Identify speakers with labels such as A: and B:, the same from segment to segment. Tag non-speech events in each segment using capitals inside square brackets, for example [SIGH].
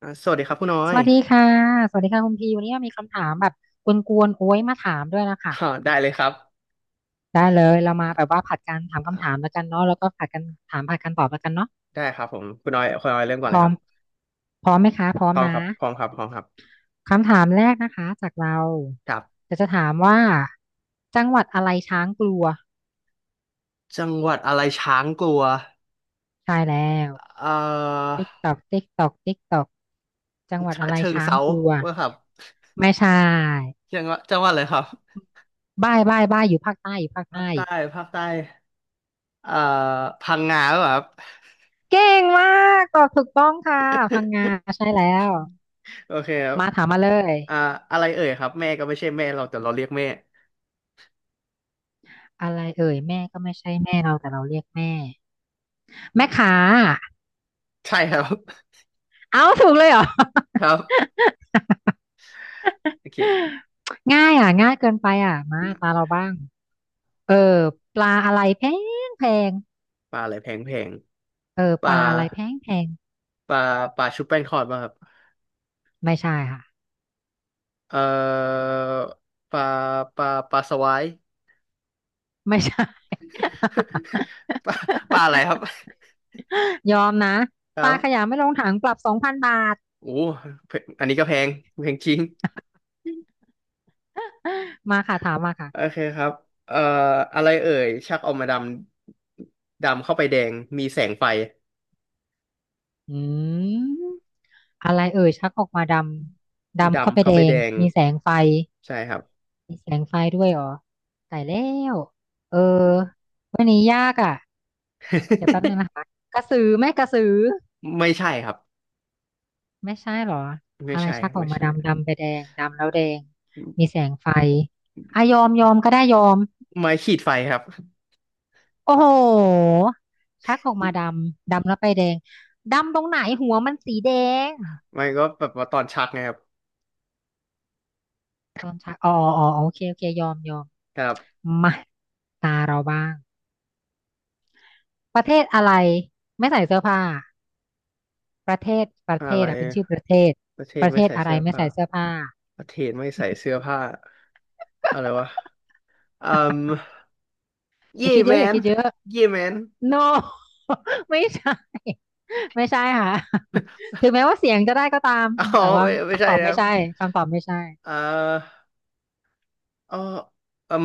A: สวัสดีครับคุณน้อ
B: ส
A: ย
B: วัสดีค่ะ สวัสดีค่ะคุณพีวันนี้มีคำถามแบบกวนๆโอ้ยมาถามด้วยนะคะ
A: อ่าได้เลยครับ
B: ได้เลยเรามาแบบว่าผัดกันถามคำถามแล้
A: อ่า
B: วกันเนาะแล้วก็ผัดกันถามผัดกันตอบแล้วกันเนาะ
A: ได้ครับผมคุณน้อยคุณน้อยเริ่มก่อน
B: พ
A: เลย
B: ร้อ
A: ค
B: ม
A: รับ
B: พร้อมไหมคะ พร้อ
A: พ
B: ม
A: ร้อมค
B: นะ
A: รับพร้อมครับพร้อมครับ
B: คำถามแรกนะคะจากเรา
A: ครับ
B: จะถามว่าจังหวัดอะไรช้างกลัว
A: จังหวัดอะไรช้างกลัว
B: ใช่แล้ว
A: เอ่อ
B: ติ๊กตอกติ๊กตอกติ๊กตอกจังหวัด
A: ฉะ
B: อะไร
A: เชิงเท
B: ช้าง
A: รา
B: กลัว
A: ว่าครับ
B: ไม่ใช่
A: จังหวัดอะไรครับ
B: บ้ายบ้ายบ้ายอยู่ภาคใต้อยู่ภาค
A: ภาค
B: ใต้
A: ใต้ภาคใต้เอ่อพังงาหรือเปล่าครับ
B: เก่งมากตอบถูกต้องค่ะพังงา
A: [LAUGHS]
B: ใช่แล้ว
A: โอเคครับ
B: มาถามมาเลย
A: อ่าอะไรเอ่ยครับแม่ก็ไม่ใช่แม่เราแต่เราเรียกแม่
B: อะไรเอ่ยแม่ก็ไม่ใช่แม่เราแต่เราเรียกแม่แม่ขา
A: ใช่ครับ
B: เอาถูกเลยเหรอ [LAUGHS]
A: [LAUGHS] ครับโอเค
B: ง่ายอ่ะง่ายเกินไปอ่ะมาตาเราบ้างเออปลาอะไรแพงแพง
A: ปลาอะไรแพงแพง
B: เออ
A: ป
B: ป
A: ลา
B: ลาอะไรแพงแพง
A: ปลาปลาชุบแป้งทอดป่ะครับ
B: ไม่ใช่ค่ะ
A: เอ่อปลาปลาปลาสวาย
B: ไม่ใช่
A: [LAUGHS] ปลาปลาอะไรครับ
B: [LAUGHS] ยอมนะ
A: ค
B: ป
A: รั
B: ลาข
A: บ
B: ยะไม่ลงถังปรับ2,000 บาท
A: โอ้เพอันนี้ก็แพงแพงจริง
B: [LAUGHS] มาค่ะถามมา
A: โอ
B: ค่ะ
A: เคครับเอ่ออะไรเอ่ยชักออกมาดำดำเข้าไปแดงมีแสงไฟ
B: อืมอะไรเอ่ยชักออกมาดำดำเข้าไป
A: ดำเข้า
B: แด
A: ไปแด
B: ง
A: ง
B: มีแสงไฟ
A: ใช่ครับ
B: มีแสงไฟด้วยเหรอตายแล้วเออวันนี้ยากอ่ะเดี๋ยวแป๊บนึงนะคะกระสือไหม่กระสือ
A: [LAUGHS] ไม่ใช่ครับ
B: ไม่ใช่เหรอ
A: ไม่
B: อะไร
A: ใช่
B: ชักออก
A: ไม่
B: มา
A: ใช่
B: ดำดำไปแดงดำแล้วแดงมีแสงไฟอ่ะยอมยอมก็ได้ยอม
A: ไม้ขีดไฟครับ
B: โอ้โหชักออกมาดำดำแล้วไปแดงดำตรงไหนหัวมันสีแดง
A: ไม้ก็แบบว่าตอนชักไงครับ
B: ตอนชักอ๋ออ๋ออ๋อโอเคโอเคยอมยอม
A: ครับ
B: มาตาเราบ้างประเทศอะไรไม่ใส่เสื้อผ้าประเทศประ
A: อะ
B: เท
A: ไร
B: ศอ่ะเป็นชื่อประเทศ
A: ประเท
B: ป
A: ศ
B: ระเท
A: ไม่
B: ศ
A: ใส่
B: อะไร
A: เสื้อ
B: ไม่
A: ผ้า
B: ใส่เสื้อผ้า
A: ประเทศไม่ใส่เสื้อผ้าอะไรวะ เอ่ม
B: อ
A: เย่
B: ย่าคิดเย
A: แม
B: อะอย่า
A: น
B: คิดเยอะ
A: เย่แมน
B: no [LAUGHS] ไม่ใช่ไม่ใช่ค่ะ [LAUGHS] ถึงแม้ว่าเสียงจะได้ก็ตาม
A: อ๋อ
B: แต่
A: [LAUGHS]
B: ว่า
A: ไม่ไม่
B: คำ
A: ใช่
B: ตอบ
A: นะค
B: ไม่
A: รับ
B: ใช่คำตอบไม่ใช่
A: เอ่ออ่อเอ่ม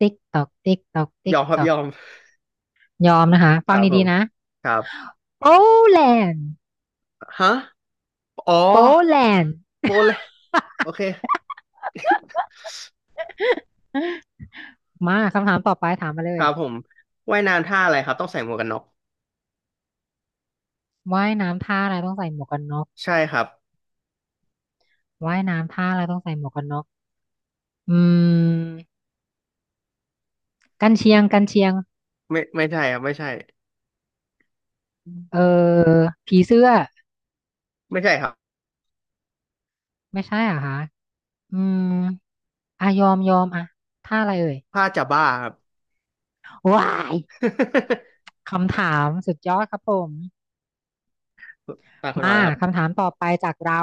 B: ติ๊กตอกติ๊กตอก
A: ย
B: ติ๊
A: อ
B: ก
A: มครั
B: ต
A: บ
B: อ
A: ย
B: ก
A: อม
B: ยอมนะคะ
A: ค
B: ฟั
A: รั
B: ง
A: บผ
B: ดี
A: ม
B: ๆนะ
A: ครับ
B: โปแลนด์
A: ฮะอ๋อ
B: โปแลนด์
A: โปแลนโอเค
B: มาคำถามต่อไปถามมาเล
A: ค
B: ย
A: รับผมว่ายน้ำท่าอะไรครับต้องใส่หมวกกันน็อก
B: ว่ายน้ำท่าอะไรต้องใส่หมวกกันน็อก
A: ใช่ครับ
B: ว่ายน้ำท่าอะไรต้องใส่หมวกกันน็อก อืมกันเชียงกันเชียง
A: ไม่ไม่ใช่ครับไม่ใช่
B: เออผีเสื้อไม่ใช่เหรอ่ะคะอืมอ่ะยอมยอมอ่ะท่าอะไรเอ่ย
A: ผ้าจะบ้าครับ
B: ว้ายคำถามสุดยอดครับผม
A: [LAUGHS] ตาคุณออ
B: มา
A: ยแล้วครับ
B: คำถามต่อไปจากเรา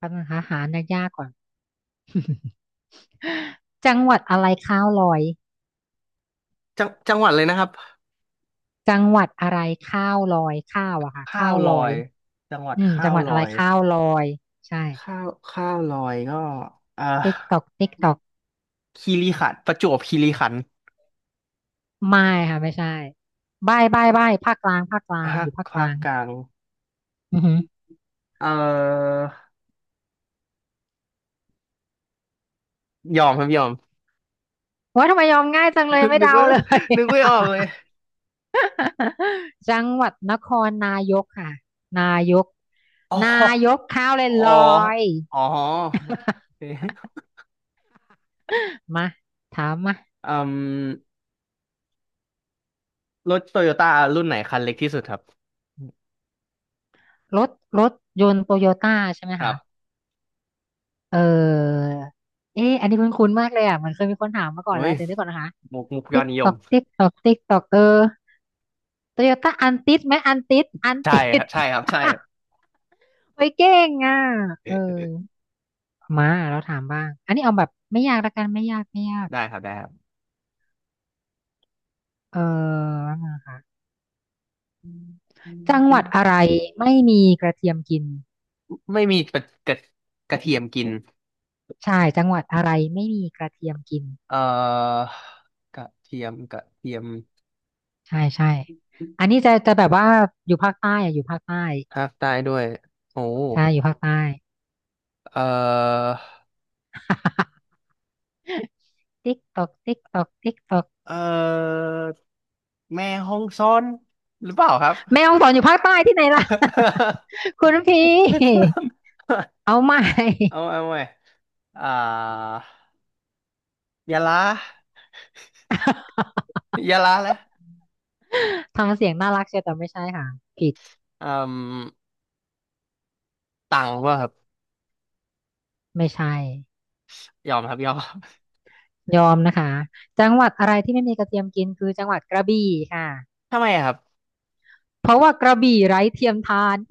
B: คำถามหายากๆก่อนจังหวัดอะไรข้าวลอย
A: จังหวัดเลยนะครับ
B: จังหวัดอะไรข้าวลอยข้าวอะค่ะ
A: ข้า
B: ข้า
A: ว
B: ว
A: ล
B: ล
A: อ
B: อย
A: ยจังหวัด
B: อืม
A: ข้า
B: จัง
A: ว
B: หวัด
A: ล
B: อะ
A: อ
B: ไร
A: ย
B: ข้าวลอยใช่
A: ข้าวลอยก็อ่า
B: ติ๊กตอกติ๊กตอก
A: คีรีขันธ์ประจวบคีรีขันธ์
B: ไม่ค่ะไม่ใช่ใบ้ใบ้ใบ้ภาคกลางภาคกลาง
A: ภา
B: อ
A: ค
B: ยู่ภาคก
A: ภา
B: ลา
A: ค
B: ง
A: กลาง
B: อือฮึ
A: เอ่อยอมครับยอม
B: ว่าทำไมยอมง่ายจัง
A: นึ
B: เลย
A: ก
B: ไม่
A: นึก
B: เดา
A: ว่า
B: เลย
A: นึกไม่ออกเลย
B: [LAUGHS] จังหวัดนครนายกค่ะนายก
A: อ๋
B: นา
A: อ
B: ยกข้าวเลย
A: อ๋อ
B: ลอยๆ
A: อ๋อโอเ
B: [LAUGHS]
A: ค
B: มาถามมา
A: อืมรถโตโยต้ารุ่นไหนคันเล็กที่สุดครับ
B: รถรถยนต์โตโยต้าใช่ไหม
A: ครั
B: คะ
A: บ
B: เออเอ๊ะอันนี้คุ้นๆมากเลยอ่ะเหมอนเคยมีคนถามมาก่อน
A: เฮ้
B: แล้ว
A: ย
B: เดี๋ยวนี้ก่อนนะคะ
A: มุกยอ
B: ติ๊
A: ด
B: ก
A: นิย
B: ตอ
A: ม
B: กติ๊กตอกติ๊กตอกเออโตโยต้าอันติดไหมอันติด [LAUGHS] อัน
A: ใช่
B: ติ
A: ครั
B: ด
A: บใช่ครับใช่ครับ
B: [LAUGHS] ไปเก่งอ่ะ
A: เออ
B: เอ
A: เอ
B: อ
A: อ
B: มาเราถามบ้างอันนี้เอาแบบไม่ยากละกันไม่ยากไม่ยาก
A: ได้ครับได้ครับ
B: เออจังหวัดอะไรไม่มีกระเทียมกิน
A: ไม่มีกระกระกระเทียมกิน
B: ใช่จังหวัดอะไรไม่มีกระเทียมกิน
A: เอ่อกระเทียมกระเทียม
B: ใช่ใช่อันนี้จะแบบว่าอยู่ภาคใต้อะอยู่ภาคใต้
A: ภาคใต้ด้วยโอ้
B: ใช่อยู่ภาคใต้
A: เอ่อ
B: [LAUGHS] ติ๊กตอกติ๊กตอกติ๊กตอก
A: เออแม่ฮองซอนหรือเปล่าครับ
B: แม่ฮ่องสอนอยู่ภาคใต้ที่ไหนล่ะ
A: [LAUGHS]
B: [LAUGHS] คุณพี่ [LAUGHS] เอาใหม่
A: เอาใหม่อ่ายะลายะลาแล้ว
B: [LAUGHS] ทำเสียงน่ารักเชียวแต่ไม่ใช่ค่ะผิด
A: อืมตังว่าครับ
B: ไม่ใช่
A: ยอมครับยอม
B: ยอมนะคะจังหวัดอะไรที่ไม่มีกระเทียมกินคือจังหวัดกระบี่ค่ะ
A: [LAUGHS] ทำไมอะครับ
B: เพราะว่ากระบี่ไร้เทียมทาน [LAUGHS]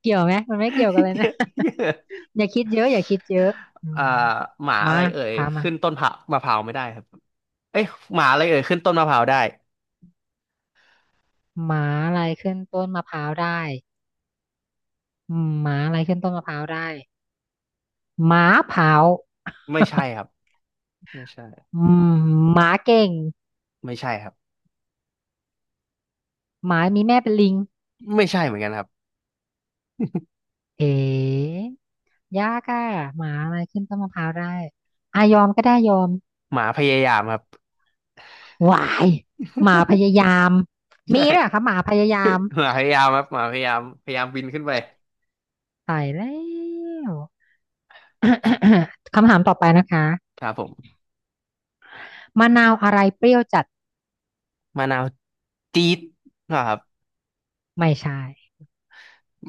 B: เกี่ยวไหมมันไม่เกี่ยวกันเล
A: [LAUGHS]
B: ย
A: เย
B: นะ
A: อะ [LAUGHS] เย
B: [LAUGHS]
A: อะ
B: อย่าคิดเยอะอย่าคิดเยอะอื
A: อ่า
B: ม
A: หมาอะ
B: มา
A: ไรเอ่ย
B: ถามมา
A: ขึ้นต้นผักมะพร้าวไม่ได้ครับเอ้ยหมาอะไรเอ่ยขึ้นต้นมะพร้าวได้
B: หมาอะไรขึ้นต้นมะพร้าวได้อืมหมาอะไรขึ้นต้นมะพร้าวได้หมาเผา
A: ไม่
B: [LAUGHS]
A: ใช่ครับไม่ใช่
B: อืมหมาเก่ง
A: ไม่ใช่ครับ
B: หมามีแม่เป็นลิง
A: ไม่ใช่เหมือนกันครับ
B: เอ๋ยากอะหมาอะไรขึ้นต้นมะพร้าวได้อายอมก็ได้ยอม
A: หมาพยายามครับ
B: หวายหมาพยา
A: [LAUGHS]
B: ยาม
A: ใช่
B: มีด้วยเหรอคะหมาพยายาม
A: หมาพยายามครับหมาพยายามพยายามบินขึ้นไป
B: ตายแล้ว [COUGHS] คำถามต่อไปนะคะ
A: ครับผม
B: มะนาวอะไรเปรี้ยวจัด
A: มะนาวจี๊ดนะครับ
B: ไม่ใช่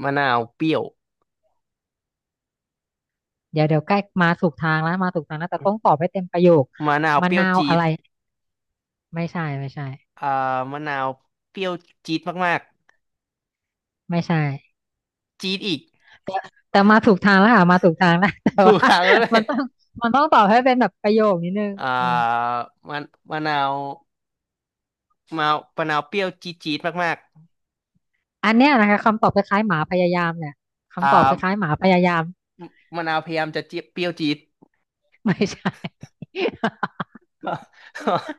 A: มะนาวเปรี้ยว
B: เดี๋ยวเดี๋ยวใกล้มาถูกทางแล้วมาถูกทางแล้วแต่ต้องตอบให้เต็มประโยค
A: มะนาว
B: มะ
A: เปรี้ยว
B: นาว
A: จี๊
B: อะ
A: ด
B: ไรไม่ใช่ไม่ใช่
A: อ่ามะนาวเปรี้ยวจี๊ดมาก
B: ไม่ใช่
A: ๆจี๊ดอีก
B: แต่แต่มาถูกทางแล้วค่ะมาถูกทางแล้ว [LAUGHS] แต่
A: ถู
B: ว่า
A: กทางแล้วเล
B: มั
A: ย
B: นต้องมันต้องตอบให้เป็นแบบประโยคนิดนึง
A: อ่า
B: อืม
A: มะมะนาวมะนาวมะนาวเปรี้ยวจี๊ดจี๊ดมาก
B: อันเนี้ยนะคะคำตอบคล้ายๆหมาพยายามเนี่ย
A: ๆ
B: คำตอบคล้ายๆหมาพยายาม
A: มะนาวพยายามจะเจี๊ยเปรี้ยวจี๊ด
B: ไม่ใช่ [LAUGHS]
A: [LAUGHS]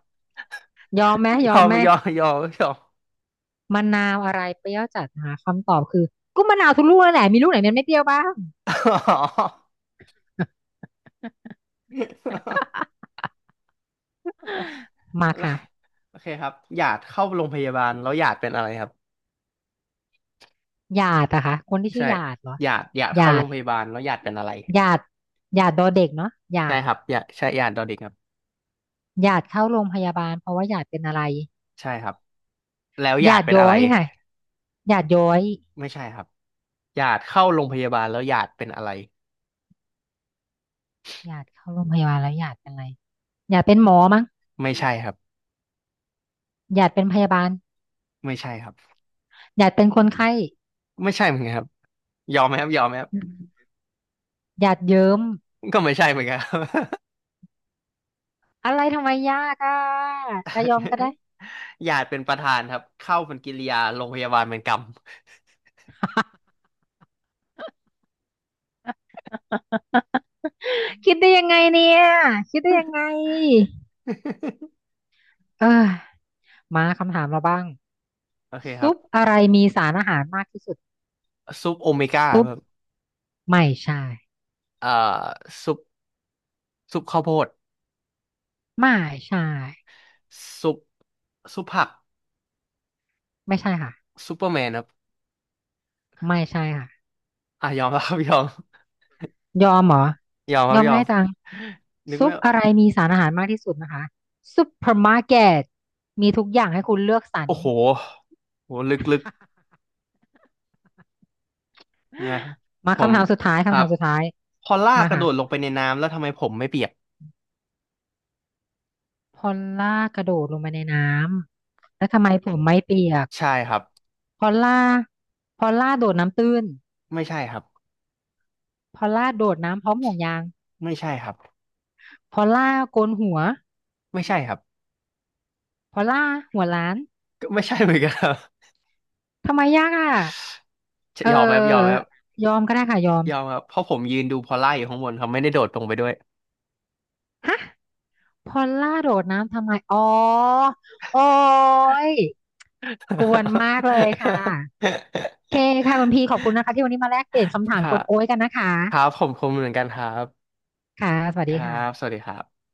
B: ยอมไหม
A: ย
B: ยอ
A: อ
B: ม
A: ม
B: ไหม
A: ยอมยอมยอม
B: มะนาวอะไรเปรี้ยวจัดหาคำตอบคือก็มะนาวทุกลูกนั่นแหละมีลูกไหนมันไม่เปรี้ยวบ้าง
A: อ๋อ [LAUGHS]
B: [LAUGHS]
A: โออ
B: มา
A: แล้ว
B: ค่ะ
A: โอเคครับหยาดเข้าโรงพยาบาลแล้วหยาดเป็นอะไรครับ
B: หยาดอะคะคนที่ชื่
A: ใช่
B: อหยาดเหรอ
A: หยาดหยาด
B: ห
A: เข้า
B: ยา
A: โร
B: ด
A: งพยาบาลแล้วหยาดเป็นอะไร
B: หยาดหยาดดอเด็กเนาะหยา
A: ใช่
B: ด
A: ครับหยาดใช่หยาดดอเด็กครับ
B: หยาดเข้าโรงพยาบาลเพราะว่าหยาดเป็นอะไร
A: ใช่ครับแล้วห
B: ห
A: ยา
B: ยา
A: ด
B: ด
A: เป็น
B: ย้
A: อะ
B: อ
A: ไร
B: ยค่ะหยาดย้อย
A: ไม่ใช่ครับหยาดเข้าโรงพยาบาลแล้วหยาดเป็นอะไร
B: หยาดเข้าโรงพยาบาลแล้วหยาดเป็นอะไรหยาดเป็นหมอมั้ง
A: ไม่ใช่ครับ
B: หยาดเป็นพยาบาล
A: ไม่ใช่ครับ
B: หยาดเป็นคนไข้
A: ไม่ใช่เหมือนกันครับยอมไหมครับยอมไหมครับ
B: หยาดเยิ้ม
A: ก็ไม่ใช่เหมือนกันครับ
B: อะไรทำไมยากอะจะยอมก็ได้
A: [LAUGHS] หยาดเป็นประธานครับเข้าเป็นกิริยาโรงพยาบาลเป็นกรรม
B: [LAUGHS] คิดได้ยังไงเนี่ยคิดได้ยังไง
A: [LAUGHS]
B: เออมาคำถามเราบ้าง
A: โอเคครั
B: ซุ
A: บ
B: ปอะไรมีสารอาหารมากที่สุด
A: ซุปโอเมก้า
B: ซุป
A: ครับ
B: ไม่ใช่
A: เอ่อซุปซุปข้าวโพด
B: ไม่ใช่
A: ซุปซุปผัก
B: ไม่ใช่ค่ะ
A: ซูเปอร์แมนครับ
B: ไม่ใช่ค่ะ
A: อ่ะยอมครับ [LAUGHS] ยอม
B: ยอมเหรอ
A: ยอมครั
B: ย
A: บ
B: อม
A: ยอม
B: ง่ายจัง
A: นึก
B: ซุป
A: ว่า
B: อะไรมีสารอาหารมากที่สุดนะคะซุปเปอร์มาร์เก็ตมีทุกอย่างให้คุณเลือกสรร
A: โอ้โหโหลึก
B: [LAUGHS]
A: ๆนะ
B: มา
A: ผม
B: คำถามสุดท้าย
A: ครั
B: คำถา
A: บ
B: มสุดท้าย
A: พอลาก
B: มา
A: กระโด
B: ค่ะ
A: ดลงไปในน้ำแล้วทำไมผมไม่เปียก
B: พอลล่ากระโดดลงไปในน้ำแล้วทำไมผมไม่เปียก
A: ใช่ครับ
B: พอลล่าพอลล่าโดดน้ำตื้น
A: ไม่ใช่ครับ
B: พอลล่าโดดน้ำพร้อมห่วงยาง
A: ไม่ใช่ครับ
B: พอลล่าโกนหัว
A: ไม่ใช่ครับ
B: พอลล่าหัวล้าน
A: ก็ไม่ใช่เหมือนกันครับ
B: ทำไมยากอ่ะเ
A: [LAUGHS] ยอมไหมครับยอมไหมค
B: ออ
A: รับ
B: ยอมก็ได้ค่ะยอม
A: ยอมครับเพราะผมยืนดูพอลล่าอยู่ข้างบนครับไม่ได้โดดลงไปด้วย
B: ฮะพอลล่าโดดน้ำทำไมอ๋อโอ้ยกวนมากเลยค่ะโอเคค่ะคุณพี
A: [LAUGHS]
B: ขอบคุณนะคะที่วันนี้มาแลกเปลี่ยนคำถาม
A: ค่ะ
B: กวนโอ้ยกันนะคะ
A: ครับผมคมเหมือนกันครับ
B: ค่ะสวัส
A: ค
B: ดี
A: รับ สวั
B: ค่ะ
A: สดีครับ